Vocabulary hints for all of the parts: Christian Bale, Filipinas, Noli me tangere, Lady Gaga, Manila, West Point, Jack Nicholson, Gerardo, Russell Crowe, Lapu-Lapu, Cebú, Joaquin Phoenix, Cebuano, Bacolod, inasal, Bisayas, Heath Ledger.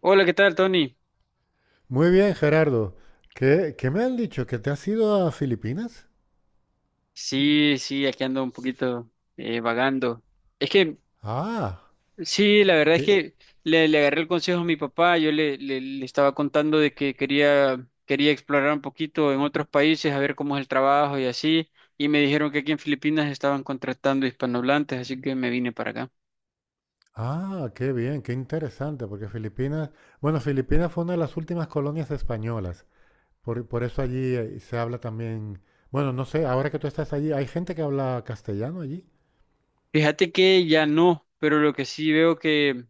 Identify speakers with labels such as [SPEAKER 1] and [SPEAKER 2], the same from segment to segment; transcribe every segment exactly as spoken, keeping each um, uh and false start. [SPEAKER 1] Hola, ¿qué tal, Tony?
[SPEAKER 2] Muy bien, Gerardo. ¿Qué, qué me han dicho? ¿Que te has ido a Filipinas?
[SPEAKER 1] Sí, sí, aquí ando un poquito eh, vagando. Es que,
[SPEAKER 2] Ah,
[SPEAKER 1] sí, la verdad es
[SPEAKER 2] qué,
[SPEAKER 1] que le, le agarré el consejo a mi papá. Yo le, le, le estaba contando de que quería, quería explorar un poquito en otros países, a ver cómo es el trabajo y así. Y me dijeron que aquí en Filipinas estaban contratando hispanohablantes, así que me vine para acá.
[SPEAKER 2] ah, qué bien, qué interesante, porque Filipinas, bueno, Filipinas fue una de las últimas colonias españolas. Por, por eso allí eh, se habla también, bueno, no sé, ahora que tú estás allí, ¿hay gente que habla castellano allí?
[SPEAKER 1] Fíjate que ya no, pero lo que sí veo que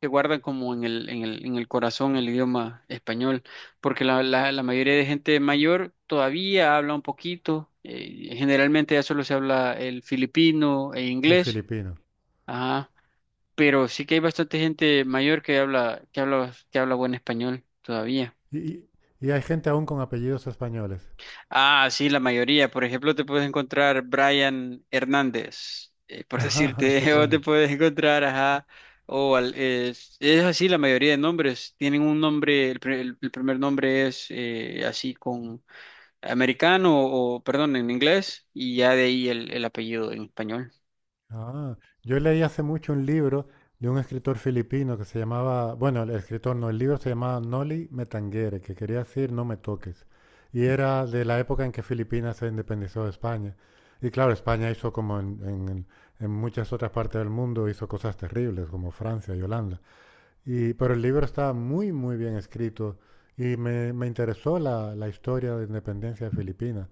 [SPEAKER 1] se guardan como en el, en el, en el corazón el idioma español, porque la, la, la mayoría de gente mayor todavía habla un poquito, eh, generalmente ya solo se habla el filipino e
[SPEAKER 2] El
[SPEAKER 1] inglés,
[SPEAKER 2] filipino.
[SPEAKER 1] ajá, pero sí que hay bastante gente mayor que habla, que habla, que habla buen español todavía.
[SPEAKER 2] Y, y- y hay gente aún con apellidos españoles.
[SPEAKER 1] Ah, sí, la mayoría. Por ejemplo, te puedes encontrar Brian Hernández, eh, por
[SPEAKER 2] Ajá, qué
[SPEAKER 1] decirte, o te
[SPEAKER 2] bueno.
[SPEAKER 1] puedes encontrar, ajá, o al- es, es así la mayoría de nombres. Tienen un nombre, el, pri- el- el primer nombre es eh, así con americano o, perdón, en inglés, y ya de ahí el, el apellido en español.
[SPEAKER 2] Ah, yo leí hace mucho un libro de un escritor filipino que se llamaba, bueno, el escritor no, el libro se llamaba Noli me tangere, que quería decir no me toques. Y era de la época en que Filipinas se independizó de España. Y claro, España hizo como en, en- en- muchas otras partes del mundo, hizo cosas terribles, como Francia y Holanda. Y pero el libro estaba muy, muy bien escrito y me, me interesó la, la historia de independencia de Filipinas.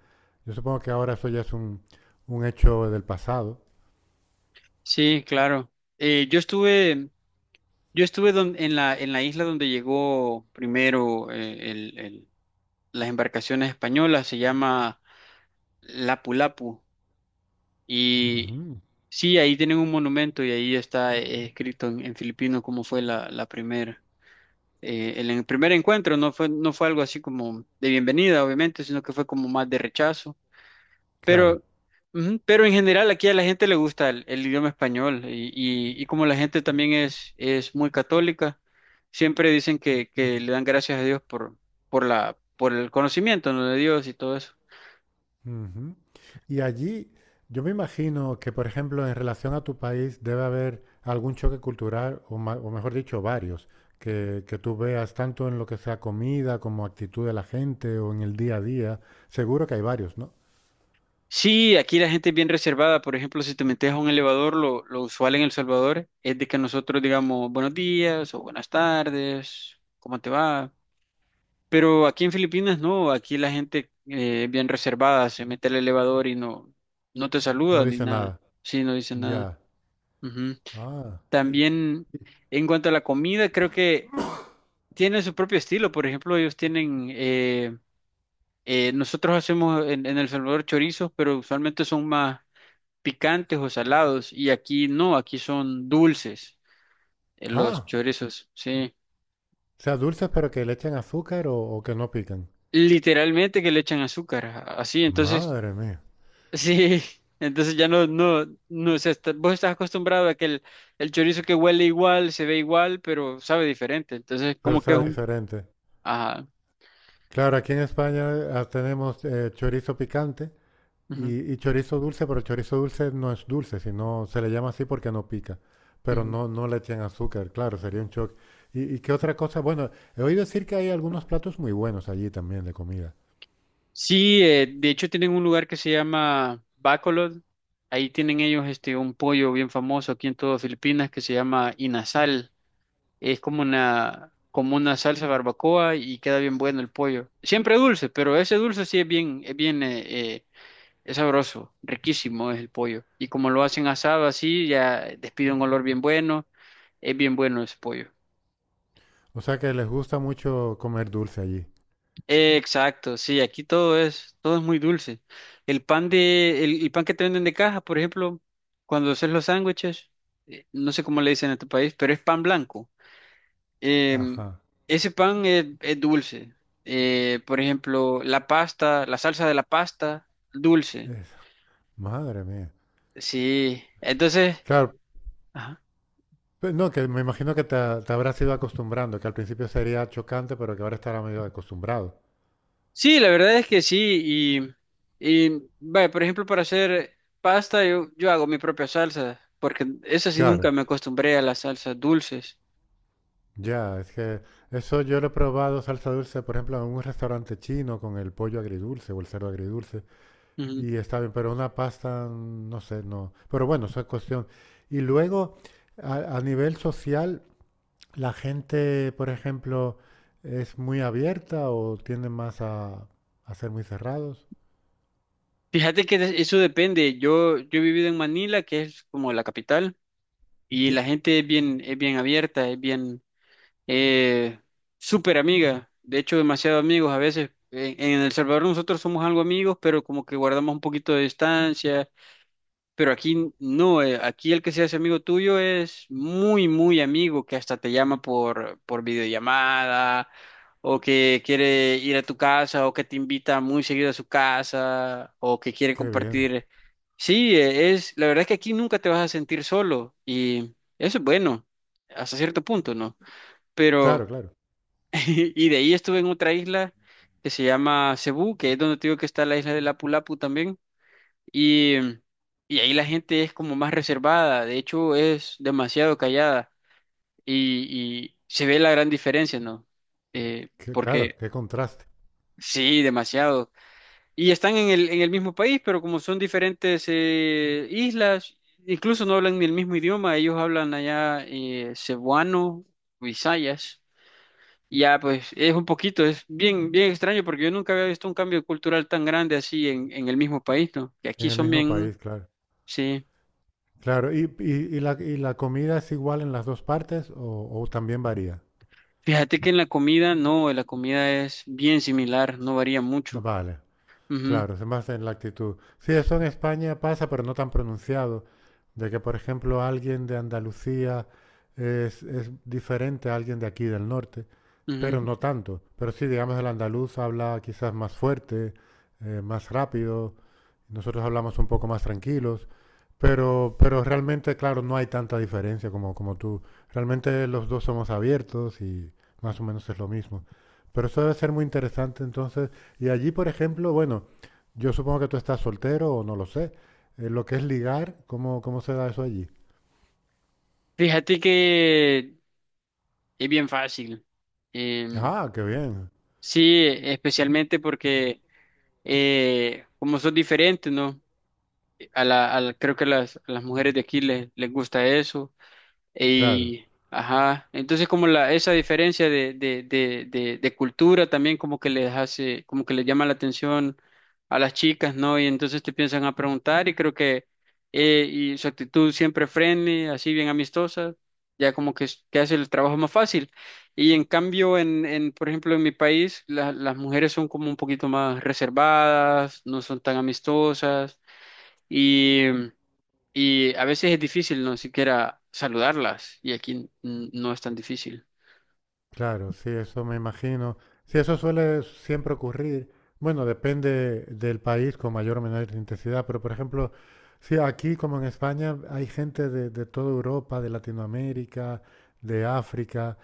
[SPEAKER 2] Yo supongo que ahora eso ya es un, un hecho del pasado.
[SPEAKER 1] Sí, claro. Eh, yo estuve, yo estuve don- en la, en la isla donde llegó primero eh, el- el- las embarcaciones españolas, se llama Lapu-Lapu. Y
[SPEAKER 2] Ujú.
[SPEAKER 1] sí, ahí tienen un monumento y ahí está eh, escrito en, en filipino cómo fue la, la primera. Eh, el, en- primer encuentro no fue, no fue algo así como de bienvenida, obviamente, sino que fue como más de rechazo.
[SPEAKER 2] Claro.
[SPEAKER 1] Pero, ujú, pero en general aquí a la gente le gusta el, el idioma español y, y- y como la gente también es, es muy católica, siempre dicen que, que le dan gracias a Dios por, por la, por el conocimiento, ¿no? De Dios y todo eso.
[SPEAKER 2] Ujú. Y allí, yo me imagino que, por ejemplo, en relación a tu país, debe haber algún choque cultural, o, ma- o mejor dicho, varios, que, que tú veas tanto en lo que sea comida como actitud de la gente o en el día a día. Seguro que hay varios, ¿no?
[SPEAKER 1] Sí, aquí la gente es bien reservada. Por ejemplo, si te metes a un elevador, lo, lo usual en El Salvador es de que nosotros digamos buenos días o buenas tardes, ¿cómo te va? Pero aquí en Filipinas no, aquí la gente eh, es bien reservada, se mete al elevador y no, no te
[SPEAKER 2] No
[SPEAKER 1] saluda ni
[SPEAKER 2] dice
[SPEAKER 1] nada.
[SPEAKER 2] nada.
[SPEAKER 1] Sí, no dice nada.
[SPEAKER 2] Ya.
[SPEAKER 1] Ujú.
[SPEAKER 2] Ah. y-
[SPEAKER 1] También en cuanto a la comida, creo que tienen su propio estilo. Por ejemplo, ellos tienen, eh, eh, nosotros hacemos en, en El Salvador chorizos, pero usualmente son más picantes o salados y aquí no, aquí son dulces eh, los
[SPEAKER 2] ah.
[SPEAKER 1] chorizos, sí.
[SPEAKER 2] O sea, dulces pero que le echen azúcar o, o que no pican.
[SPEAKER 1] Literalmente que le echan azúcar, a- así, entonces,
[SPEAKER 2] Madre mía.
[SPEAKER 1] sí, entonces ya no, no, no, o sea, está- vos estás acostumbrado a que el, el chorizo que huele igual, se ve igual, pero sabe diferente, entonces
[SPEAKER 2] Pero
[SPEAKER 1] como que es
[SPEAKER 2] sabe
[SPEAKER 1] un...
[SPEAKER 2] diferente.
[SPEAKER 1] Ajá,
[SPEAKER 2] Claro, aquí en España ah, tenemos eh, chorizo picante.
[SPEAKER 1] ujú,
[SPEAKER 2] Y, y chorizo dulce, pero chorizo dulce no es dulce, sino se le llama así porque no pica. Pero
[SPEAKER 1] ujú.
[SPEAKER 2] no, no le echan azúcar, claro, sería un shock. ¿Y, y qué otra cosa? Bueno, he oído decir que hay algunos platos muy buenos allí también de comida.
[SPEAKER 1] Sí, eh, de hecho tienen un lugar que se llama Bacolod, ahí tienen ellos este, un pollo bien famoso aquí en todo Filipinas que se llama inasal. Es como una, como una salsa barbacoa y queda bien bueno el pollo. Siempre dulce, pero ese dulce sí es bien, es bien, eh, eh, es sabroso, riquísimo es el pollo. Y como lo hacen asado así, ya despide un olor bien bueno, es bien bueno ese pollo.
[SPEAKER 2] O sea que les gusta mucho comer dulce allí.
[SPEAKER 1] Exacto, sí, aquí todo es, todo es muy dulce. El pan de, el, el pan que te venden de caja, por ejemplo, cuando haces los sándwiches, eh, no sé cómo le dicen en tu país, pero es pan blanco. Em,
[SPEAKER 2] Ajá.
[SPEAKER 1] Ese pan es, es dulce. Eh, por ejemplo, la pasta, la salsa de la pasta, dulce.
[SPEAKER 2] es- Madre mía.
[SPEAKER 1] Sí, entonces,
[SPEAKER 2] Claro,
[SPEAKER 1] ajá.
[SPEAKER 2] pe- no, que me imagino que te, te habrás ido acostumbrando, que al principio sería chocante, pero que ahora estará medio acostumbrado.
[SPEAKER 1] Sí, la verdad es que sí. Y, y vaya, por ejemplo, para hacer pasta, yo, yo hago mi propia salsa, porque eso sí nunca
[SPEAKER 2] Claro.
[SPEAKER 1] me acostumbré a las salsas dulces.
[SPEAKER 2] Ya, es que eso yo lo he probado salsa dulce, por ejemplo, en un restaurante chino con el pollo agridulce o el cerdo agridulce,
[SPEAKER 1] Ujú.
[SPEAKER 2] y está bien, pero una pasta, mm, no sé, no. Pero bueno, eso es cuestión. Y luego, a, a nivel social, la gente, por ejemplo, es muy abierta o tiende más a, a ser muy cerrados.
[SPEAKER 1] Fíjate que de- eso depende. Yo, yo he vivido en Manila, que es como la capital, y
[SPEAKER 2] Sí,
[SPEAKER 1] la gente es bien, es bien abierta, es bien. eh, Súper amiga, de hecho demasiado amigos a veces. En, en El Salvador nosotros somos algo amigos, pero como que guardamos un poquito de distancia, pero aquí no, eh, aquí el que se hace amigo tuyo es muy, muy amigo, que hasta te llama por, por videollamada, o que quiere ir a tu casa, o que te invita muy seguido a su casa, o que quiere
[SPEAKER 2] qué bien.
[SPEAKER 1] compartir. Sí, eh, es, la verdad es que aquí nunca te vas a sentir solo y eso es bueno, hasta cierto punto, ¿no? Pero...
[SPEAKER 2] Claro, claro.
[SPEAKER 1] Y de ahí estuve en otra isla que se llama Cebú, que es donde te digo que está la isla de Lapu Lapu también. Y, y ahí la gente es como más reservada, de hecho es demasiado callada y, y se ve la gran diferencia, ¿no? Eh,
[SPEAKER 2] Qué- claro,
[SPEAKER 1] porque
[SPEAKER 2] qué contraste.
[SPEAKER 1] sí, demasiado. Y están en el, en el mismo país, pero como son diferentes eh, islas, incluso no hablan ni el mismo idioma, ellos hablan allá eh, cebuano, o bisayas. Ya, pues es un poquito, es bien, bien extraño porque yo nunca había visto un cambio cultural tan grande así en, en el mismo país, ¿no? Que
[SPEAKER 2] En
[SPEAKER 1] aquí
[SPEAKER 2] el
[SPEAKER 1] son
[SPEAKER 2] mismo
[SPEAKER 1] bien,
[SPEAKER 2] país, claro.
[SPEAKER 1] sí.
[SPEAKER 2] Claro, ¿y, y, y la, y la comida es igual en las dos partes o o también varía?
[SPEAKER 1] Fíjate que en la comida, no, en la comida es bien similar, no varía mucho.
[SPEAKER 2] Vale,
[SPEAKER 1] Ujú,
[SPEAKER 2] claro, se basa en la actitud. Sí, eso en España pasa, pero no tan pronunciado de que, por ejemplo, alguien de Andalucía es, es diferente a alguien de aquí del norte,
[SPEAKER 1] ujú.
[SPEAKER 2] pero no tanto. Pero sí, digamos, el andaluz habla quizás más fuerte, eh, más rápido, nosotros hablamos un poco más tranquilos, pero, pero realmente, claro, no hay tanta diferencia como, como tú. Realmente los dos somos abiertos y más o menos es lo mismo. Pero eso debe ser muy interesante entonces. Y allí, por ejemplo, bueno, yo supongo que tú estás soltero o no lo sé. Eh, lo que es ligar, ¿cómo, cómo se da eso allí?
[SPEAKER 1] Fíjate que es bien fácil. Em,
[SPEAKER 2] Ah, qué bien.
[SPEAKER 1] sí, especialmente porque eh, como son diferentes, ¿no? A la, a la- creo que a las, a las mujeres de aquí les, les gusta eso.
[SPEAKER 2] Claro.
[SPEAKER 1] Y, ajá, entonces como la, esa diferencia de, de, de, de, de cultura también como que les hace, como que les llama la atención a las chicas, ¿no? Y entonces te piensan a preguntar y creo que, eh, y su actitud siempre friendly, así bien amistosa, ya como que, es- que hace el trabajo más fácil. Y en cambio, en, en, por ejemplo, en mi país, la- las mujeres son como un poquito más reservadas, no son tan amistosas. Y a veces es difícil no siquiera saludarlas y aquí mm, no es tan difícil.
[SPEAKER 2] Claro, sí, eso me imagino. Sí, eso suele siempre ocurrir. Bueno, depende del país con mayor o menor intensidad, pero por ejemplo, sí, aquí como en España hay gente de, de toda Europa, de Latinoamérica, de África.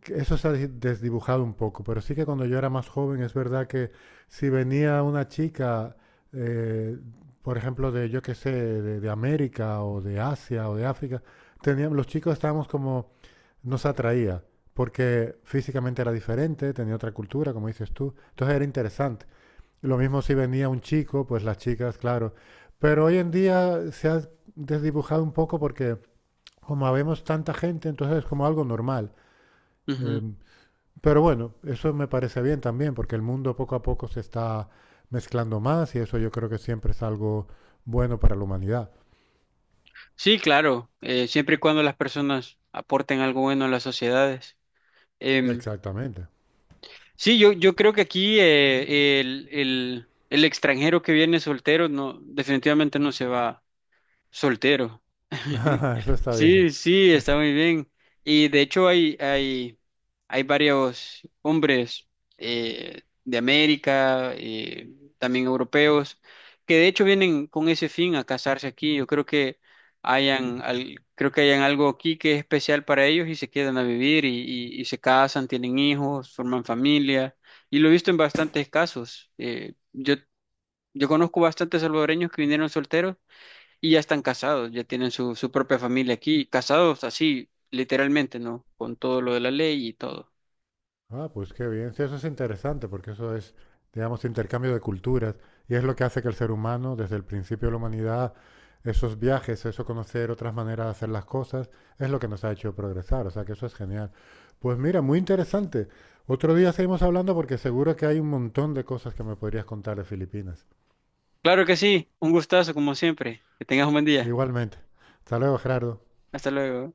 [SPEAKER 2] Que eso se ha des- desdibujado un poco, pero sí que cuando yo era más joven es verdad que si venía una chica, eh, por ejemplo, de yo qué sé, de, de América o de Asia o de África, teníamos, los chicos estábamos como, nos atraía porque físicamente era diferente, tenía otra cultura, como dices tú. Entonces era interesante. Lo mismo si venía un chico, pues las chicas, claro. Pero hoy en día se ha desdibujado un poco porque como habemos tanta gente, entonces es como algo normal. Eh,
[SPEAKER 1] Ujú.
[SPEAKER 2] pero bueno, eso me parece bien también, porque el mundo poco a poco se está mezclando más y eso yo creo que siempre es algo bueno para la humanidad.
[SPEAKER 1] Sí, claro, eh, siempre y cuando las personas aporten algo bueno a las sociedades. Em,
[SPEAKER 2] Exactamente.
[SPEAKER 1] sí, yo, yo creo que aquí eh, el, el, el extranjero que viene soltero no, definitivamente no se va. Soltero.
[SPEAKER 2] Eso está bien.
[SPEAKER 1] Sí, sí, está muy bien. Y de hecho hay, hay, hay varios hombres eh, de América, eh, también europeos, que de hecho vienen con ese fin a casarse aquí. Yo creo que hayan, al- creo que hayan algo aquí que es especial para ellos y se quedan a vivir y, y- y se casan, tienen hijos, forman familia. Y lo he visto en bastantes casos. Eh, yo, yo conozco bastantes salvadoreños que vinieron solteros y ya están casados, ya tienen su, su propia familia aquí, casados así, literalmente, ¿no? Con todo lo de la ley y todo.
[SPEAKER 2] Ah, pues qué bien. Sí, eso es interesante porque eso es, digamos, intercambio de culturas y es lo que hace que el ser humano, desde el principio de la humanidad, esos viajes, eso conocer otras maneras de hacer las cosas, es lo que nos ha hecho progresar. O sea que eso es genial. Pues mira, muy interesante. Otro día seguimos hablando porque seguro que hay un montón de cosas que me podrías contar de Filipinas.
[SPEAKER 1] Claro que sí, un gustazo como siempre. Que tengas un buen día.
[SPEAKER 2] Igualmente. Hasta luego, Gerardo.
[SPEAKER 1] Hasta luego.